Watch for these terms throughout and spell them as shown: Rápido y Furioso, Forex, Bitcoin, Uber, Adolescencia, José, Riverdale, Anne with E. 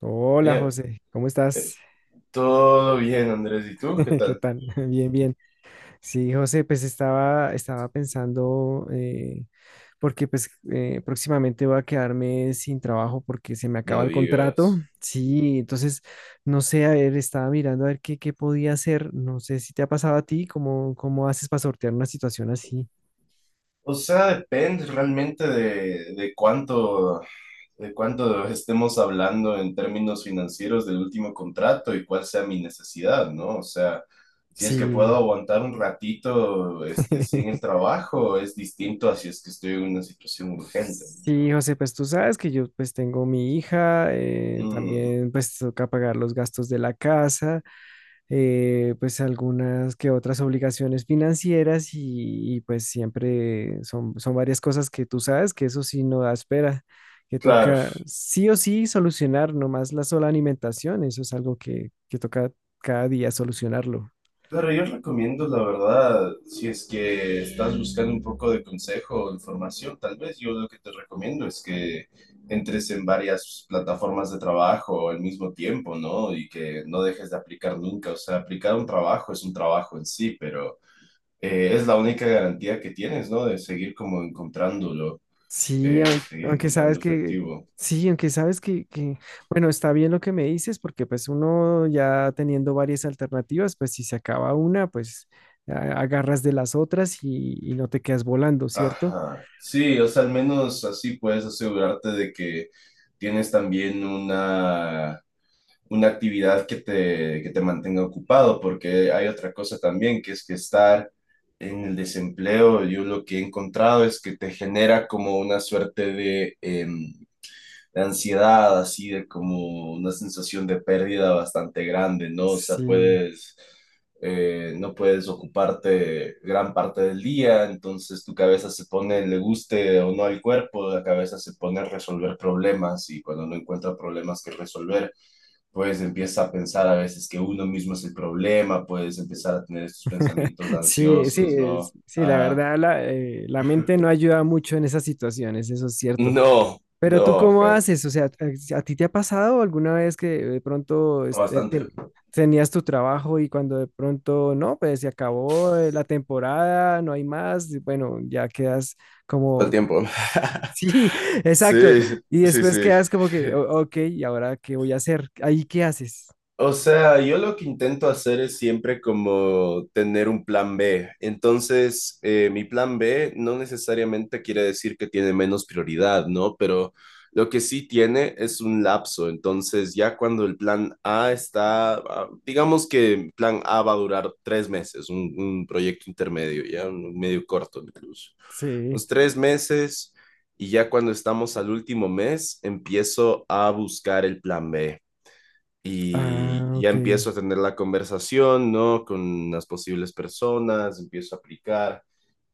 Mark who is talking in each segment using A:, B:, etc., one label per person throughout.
A: Hola
B: Eh,
A: José, ¿cómo estás?
B: Todo bien, Andrés. ¿Y tú? ¿Qué
A: ¿Qué
B: tal?
A: tal? Bien, bien. Sí, José, pues estaba pensando, porque pues próximamente voy a quedarme sin trabajo porque se me acaba
B: No
A: el contrato.
B: digas.
A: Sí, entonces, no sé, a ver, estaba mirando a ver qué podía hacer. No sé si te ha pasado a ti, cómo haces para sortear una situación así.
B: O sea, depende realmente de cuánto estemos hablando en términos financieros del último contrato y cuál sea mi necesidad, ¿no? O sea, si es que puedo
A: Sí.
B: aguantar un ratito, este, sin el trabajo, es distinto a si es que estoy en una situación urgente,
A: Sí,
B: ¿no?
A: José, pues tú sabes que yo pues tengo mi hija,
B: Mm,
A: también pues toca pagar los gastos de la casa, pues algunas que otras obligaciones financieras y pues siempre son, son varias cosas que tú sabes que eso sí no da espera, que
B: claro.
A: toca sí o sí solucionar, no más la sola alimentación, eso es algo que toca cada día solucionarlo.
B: Claro, yo recomiendo, la verdad, si es que estás buscando un poco de consejo o información, tal vez yo lo que te recomiendo es que entres en varias plataformas de trabajo al mismo tiempo, ¿no? Y que no dejes de aplicar nunca. O sea, aplicar un trabajo es un trabajo en sí, pero es la única garantía que tienes, ¿no? De seguir como encontrándolo,
A: Sí,
B: eh, seguir
A: aunque, sabes
B: encontrando
A: que,
B: efectivo.
A: sí, aunque sabes que, bueno, está bien lo que me dices, porque pues uno ya teniendo varias alternativas, pues si se acaba una, pues agarras de las otras y no te quedas volando, ¿cierto?
B: Ajá. Sí, o sea, al menos así puedes asegurarte de que tienes también una actividad que te mantenga ocupado, porque hay otra cosa también, que es que estar en el desempleo, yo lo que he encontrado es que te genera como una suerte de... em, de ansiedad, así de como una sensación de pérdida bastante grande, ¿no? O sea,
A: Sí,
B: no puedes ocuparte gran parte del día, entonces tu cabeza se pone, le guste o no al cuerpo, la cabeza se pone a resolver problemas y cuando no encuentra problemas que resolver, pues empieza a pensar a veces que uno mismo es el problema, puedes empezar a tener estos pensamientos
A: sí, sí,
B: ansiosos, ¿no?
A: sí, la
B: Ajá.
A: verdad, la mente no ayuda mucho en esas situaciones, eso es cierto.
B: No,
A: Pero tú
B: no,
A: cómo
B: ajá.
A: haces, o sea, a ti te ha pasado alguna vez que de pronto este,
B: Bastante.
A: tenías tu trabajo y cuando de pronto, no, pues se acabó la temporada, no hay más, y bueno, ya quedas
B: Todo el
A: como,
B: tiempo.
A: sí, exacto,
B: Sí,
A: y
B: sí,
A: después
B: sí.
A: quedas como que, ok, ¿y ahora qué voy a hacer? ¿Ahí qué haces?
B: O sea, yo lo que intento hacer es siempre como tener un plan B. Entonces, mi plan B no necesariamente quiere decir que tiene menos prioridad, ¿no? Pero lo que sí tiene es un lapso. Entonces, ya cuando el plan A está, ah, digamos que el plan A va a durar tres meses, un proyecto intermedio, ya un medio corto incluso.
A: Sí.
B: Los tres meses y ya cuando estamos al último mes, empiezo a buscar el plan B
A: Ah,
B: y ya
A: ok.
B: empiezo a tener la conversación, ¿no? Con las posibles personas, empiezo a aplicar.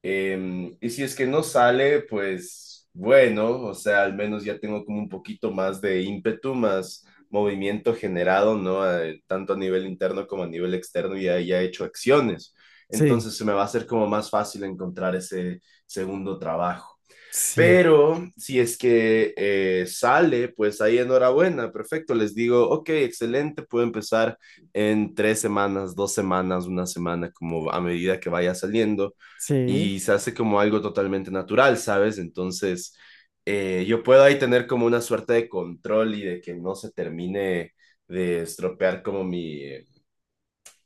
B: Y si es que no sale, pues bueno, o sea, al menos ya tengo como un poquito más de ímpetu, más movimiento generado, ¿no? Tanto a nivel interno como a nivel externo, y ya he hecho acciones.
A: Sí,
B: Entonces se me va a hacer como más fácil encontrar ese segundo trabajo.
A: sí,
B: Pero si es que sale, pues ahí enhorabuena, perfecto. Les digo, ok, excelente, puedo empezar en tres semanas, dos semanas, una semana, como a medida que vaya saliendo.
A: sí.
B: Y se hace como algo totalmente natural, ¿sabes? Entonces, yo puedo ahí tener como una suerte de control y de que no se termine de estropear como mi,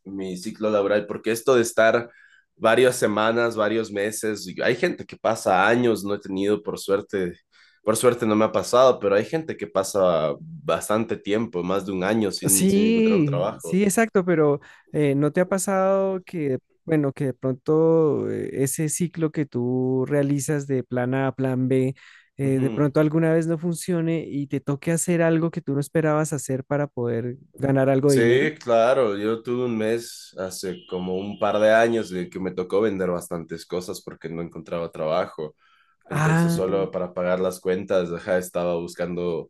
B: mi ciclo laboral, porque esto de estar varias semanas, varios meses, hay gente que pasa años, no he tenido por suerte no me ha pasado, pero hay gente que pasa bastante tiempo, más de un año sin encontrar un
A: Sí,
B: trabajo.
A: sí, exacto, pero ¿no te ha pasado que, bueno, que de pronto ese ciclo que tú realizas de plan A a plan B, de
B: Ujú.
A: pronto alguna vez no funcione y te toque hacer algo que tú no esperabas hacer para poder ganar algo de dinero?
B: Sí, claro, yo tuve un mes hace como un par de años de que me tocó vender bastantes cosas porque no encontraba trabajo. Entonces,
A: Ah,
B: solo para pagar las cuentas, ajá, estaba buscando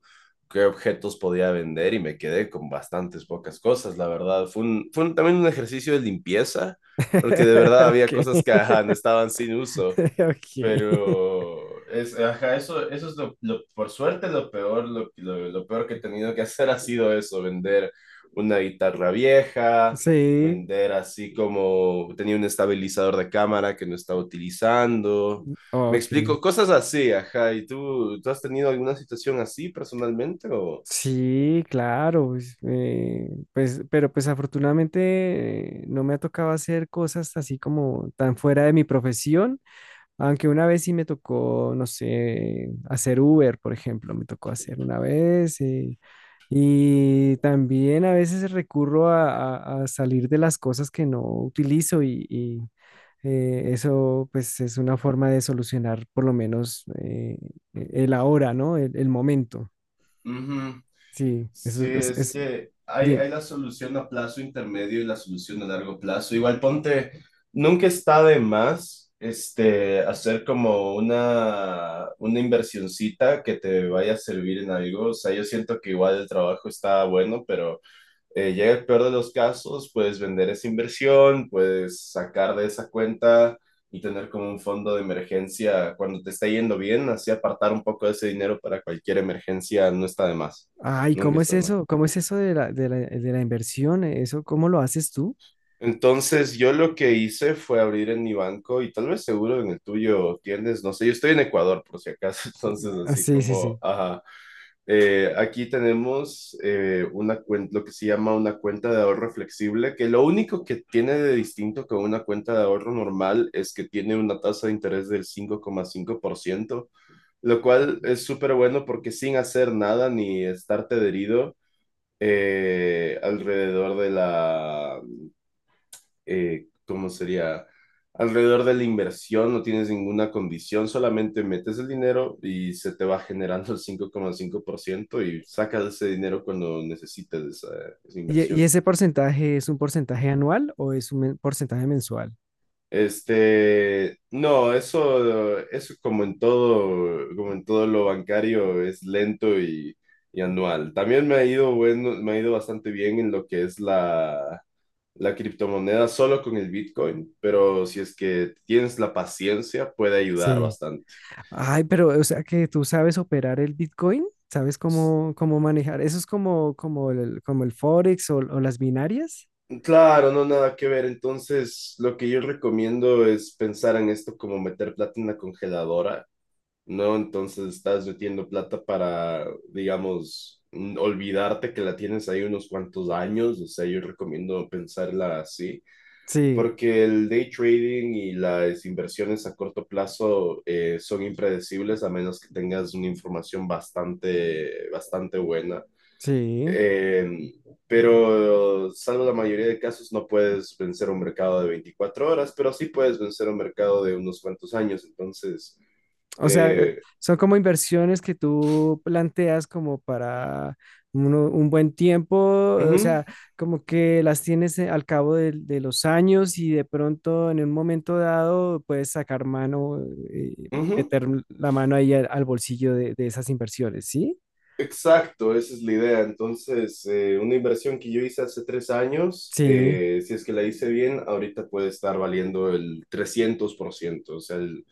B: qué objetos podía vender y me quedé con bastantes pocas cosas, la verdad. También un ejercicio de limpieza, porque de verdad
A: ok,
B: había cosas que, ajá, no estaban sin uso.
A: ok,
B: Pero es, ajá, eso es lo- por suerte lo peor que he tenido que hacer ha sido eso, vender una guitarra vieja,
A: sí,
B: vender así como tenía un estabilizador de cámara que no estaba utilizando. Me
A: ok.
B: explico, cosas así, ajá. ¿Y tú has tenido alguna situación así personalmente o...?
A: Sí, claro, pues, pues, pero pues afortunadamente no me ha tocado hacer cosas así como tan fuera de mi profesión, aunque una vez sí me tocó, no sé, hacer Uber, por ejemplo, me tocó hacer una vez y también a veces recurro a, a salir de las cosas que no utilizo y, eso pues es una forma de solucionar por lo menos el ahora, ¿no? El momento.
B: Ujú.
A: Sí,
B: Sí,
A: eso
B: es
A: es,
B: que
A: dime,
B: hay la solución a plazo intermedio y la solución a largo plazo. Igual ponte, nunca está de más este, hacer como una inversioncita que te vaya a servir en algo. O sea, yo siento que igual el trabajo está bueno, pero llega el peor de los casos, puedes vender esa inversión, puedes sacar de esa cuenta y tener como un fondo de emergencia cuando te está yendo bien, así apartar un poco de ese dinero para cualquier emergencia no está de más,
A: ay,
B: nunca
A: ¿cómo es
B: está de más.
A: eso? ¿Cómo es eso de la inversión? ¿Eso cómo lo haces tú?
B: Entonces yo lo que hice fue abrir en mi banco y tal vez seguro en el tuyo tienes, no sé, yo estoy en Ecuador por si acaso, entonces
A: Ah,
B: así
A: sí, sí,
B: como,
A: sí.
B: ajá, aquí tenemos una cuenta lo que se llama una cuenta de ahorro flexible, que lo único que tiene de distinto con una cuenta de ahorro normal es que tiene una tasa de interés del 5,5%, lo cual es súper bueno porque sin hacer nada ni estar adherido alrededor de la ¿cómo sería? Alrededor de la inversión no tienes ninguna condición, solamente metes el dinero y se te va generando el cinco coma cinco por ciento y sacas ese dinero cuando necesites esa
A: Y
B: inversión.
A: ese porcentaje es un porcentaje anual o es un porcentaje mensual?
B: Este, no, eso como en todo lo bancario es lento y anual. También me ha ido bueno, me ha ido bastante bien en lo que es la criptomoneda solo con el Bitcoin, pero si es que tienes la paciencia, puede ayudar
A: Sí.
B: bastante.
A: Ay, pero, o sea, que tú sabes operar el Bitcoin, ¿sabes
B: S-
A: cómo, cómo manejar? ¿Eso es como, como el Forex o las binarias?
B: Claro, no nada que ver. Entonces, lo que yo recomiendo es pensar en esto como meter plata en la congeladora, ¿no? Entonces, estás metiendo plata para, digamos, olvidarte que la tienes ahí unos cuantos años. O sea, yo recomiendo pensarla así.
A: Sí,
B: Porque el day trading y las inversiones a corto plazo son impredecibles a menos que tengas una información bastante buena.
A: sí.
B: Eh, pero salvo la mayoría de casos no puedes vencer un mercado de 24 horas, pero sí puedes vencer un mercado de unos cuantos años. Entonces,
A: O sea,
B: eh,
A: son como inversiones que tú planteas como para un buen tiempo, o
B: ujú,
A: sea, como que las tienes al cabo de los años y de pronto en un momento dado puedes sacar mano, eh,
B: ujú.
A: meter la mano ahí al, al bolsillo de esas inversiones, ¿sí?
B: Exacto, esa es la idea. Entonces, una inversión que yo hice hace 3 años,
A: Sí.
B: si es que la hice bien, ahorita puede estar valiendo el 300%,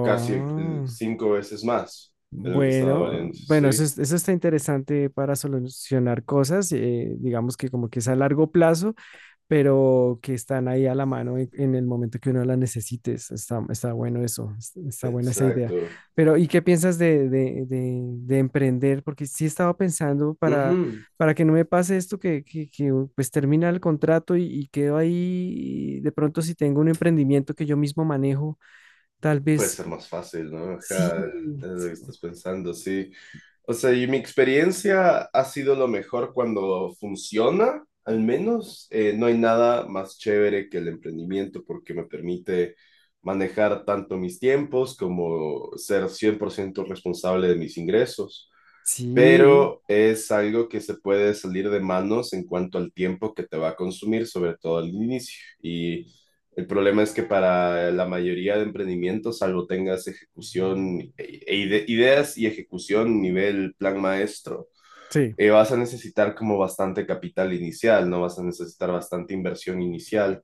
B: casi el cinco veces más de lo que estaba
A: Bueno,
B: valiendo.
A: bueno, eso,
B: Sí,
A: eso está interesante para solucionar cosas, digamos que como que es a largo plazo pero que están ahí a la mano en el momento que uno la necesites. Está, está bueno eso, está buena esa idea.
B: exacto.
A: Pero, ¿y qué piensas de, de emprender? Porque sí estaba pensando
B: Ujú.
A: para que no me pase esto, que, pues termina el contrato y quedo ahí. De pronto, si tengo un emprendimiento que yo mismo manejo, tal
B: Puede
A: vez
B: ser más fácil, ¿no?
A: sí,
B: Ajá, es lo que
A: sí,
B: estás pensando, sí. O sea, y mi experiencia ha sido lo mejor cuando funciona, al menos. No hay nada más chévere que el emprendimiento porque me permite manejar tanto mis tiempos como ser 100% responsable de mis ingresos,
A: sí,
B: pero es algo que se puede salir de manos en cuanto al tiempo que te va a consumir, sobre todo al inicio. Y el problema es que para la mayoría de emprendimientos, salvo tengas ejecución, ideas y ejecución nivel plan maestro,
A: sí,
B: vas a necesitar como bastante capital inicial, no vas a necesitar bastante inversión inicial.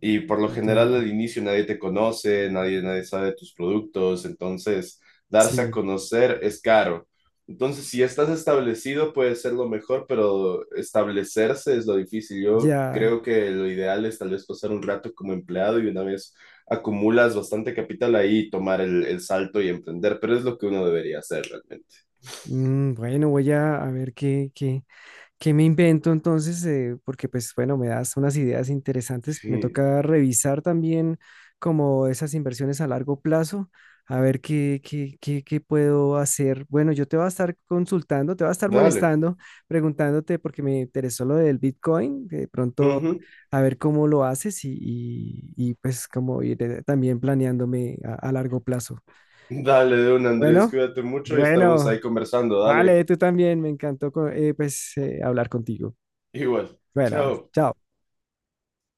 B: Y por lo general
A: ya,
B: al inicio nadie te conoce, nadie sabe de tus productos, entonces darse a
A: sí,
B: conocer es caro. Entonces, si ya estás establecido, puede ser lo mejor, pero establecerse es lo difícil. Yo
A: ya.
B: creo que lo ideal es tal vez pasar un rato como empleado y una vez acumulas bastante capital ahí, tomar el salto y emprender, pero es lo que uno debería hacer realmente.
A: Mm, bueno, voy a ver qué, qué ¿Qué me invento entonces? Porque pues bueno, me das unas ideas interesantes. Me
B: Sí,
A: toca revisar también como esas inversiones a largo plazo, a ver qué, qué, qué, qué puedo hacer. Bueno, yo te voy a estar consultando, te voy a estar
B: dale.
A: molestando, preguntándote porque me interesó lo del Bitcoin, que de pronto
B: Ujú.
A: a ver cómo lo haces y, y, pues como ir también planeándome a largo plazo.
B: Dale, de un Andrés,
A: Bueno,
B: cuídate mucho y estamos ahí
A: bueno,
B: conversando. Dale,
A: vale, tú también, me encantó pues hablar contigo.
B: igual.
A: Buenas,
B: Chao.
A: chao.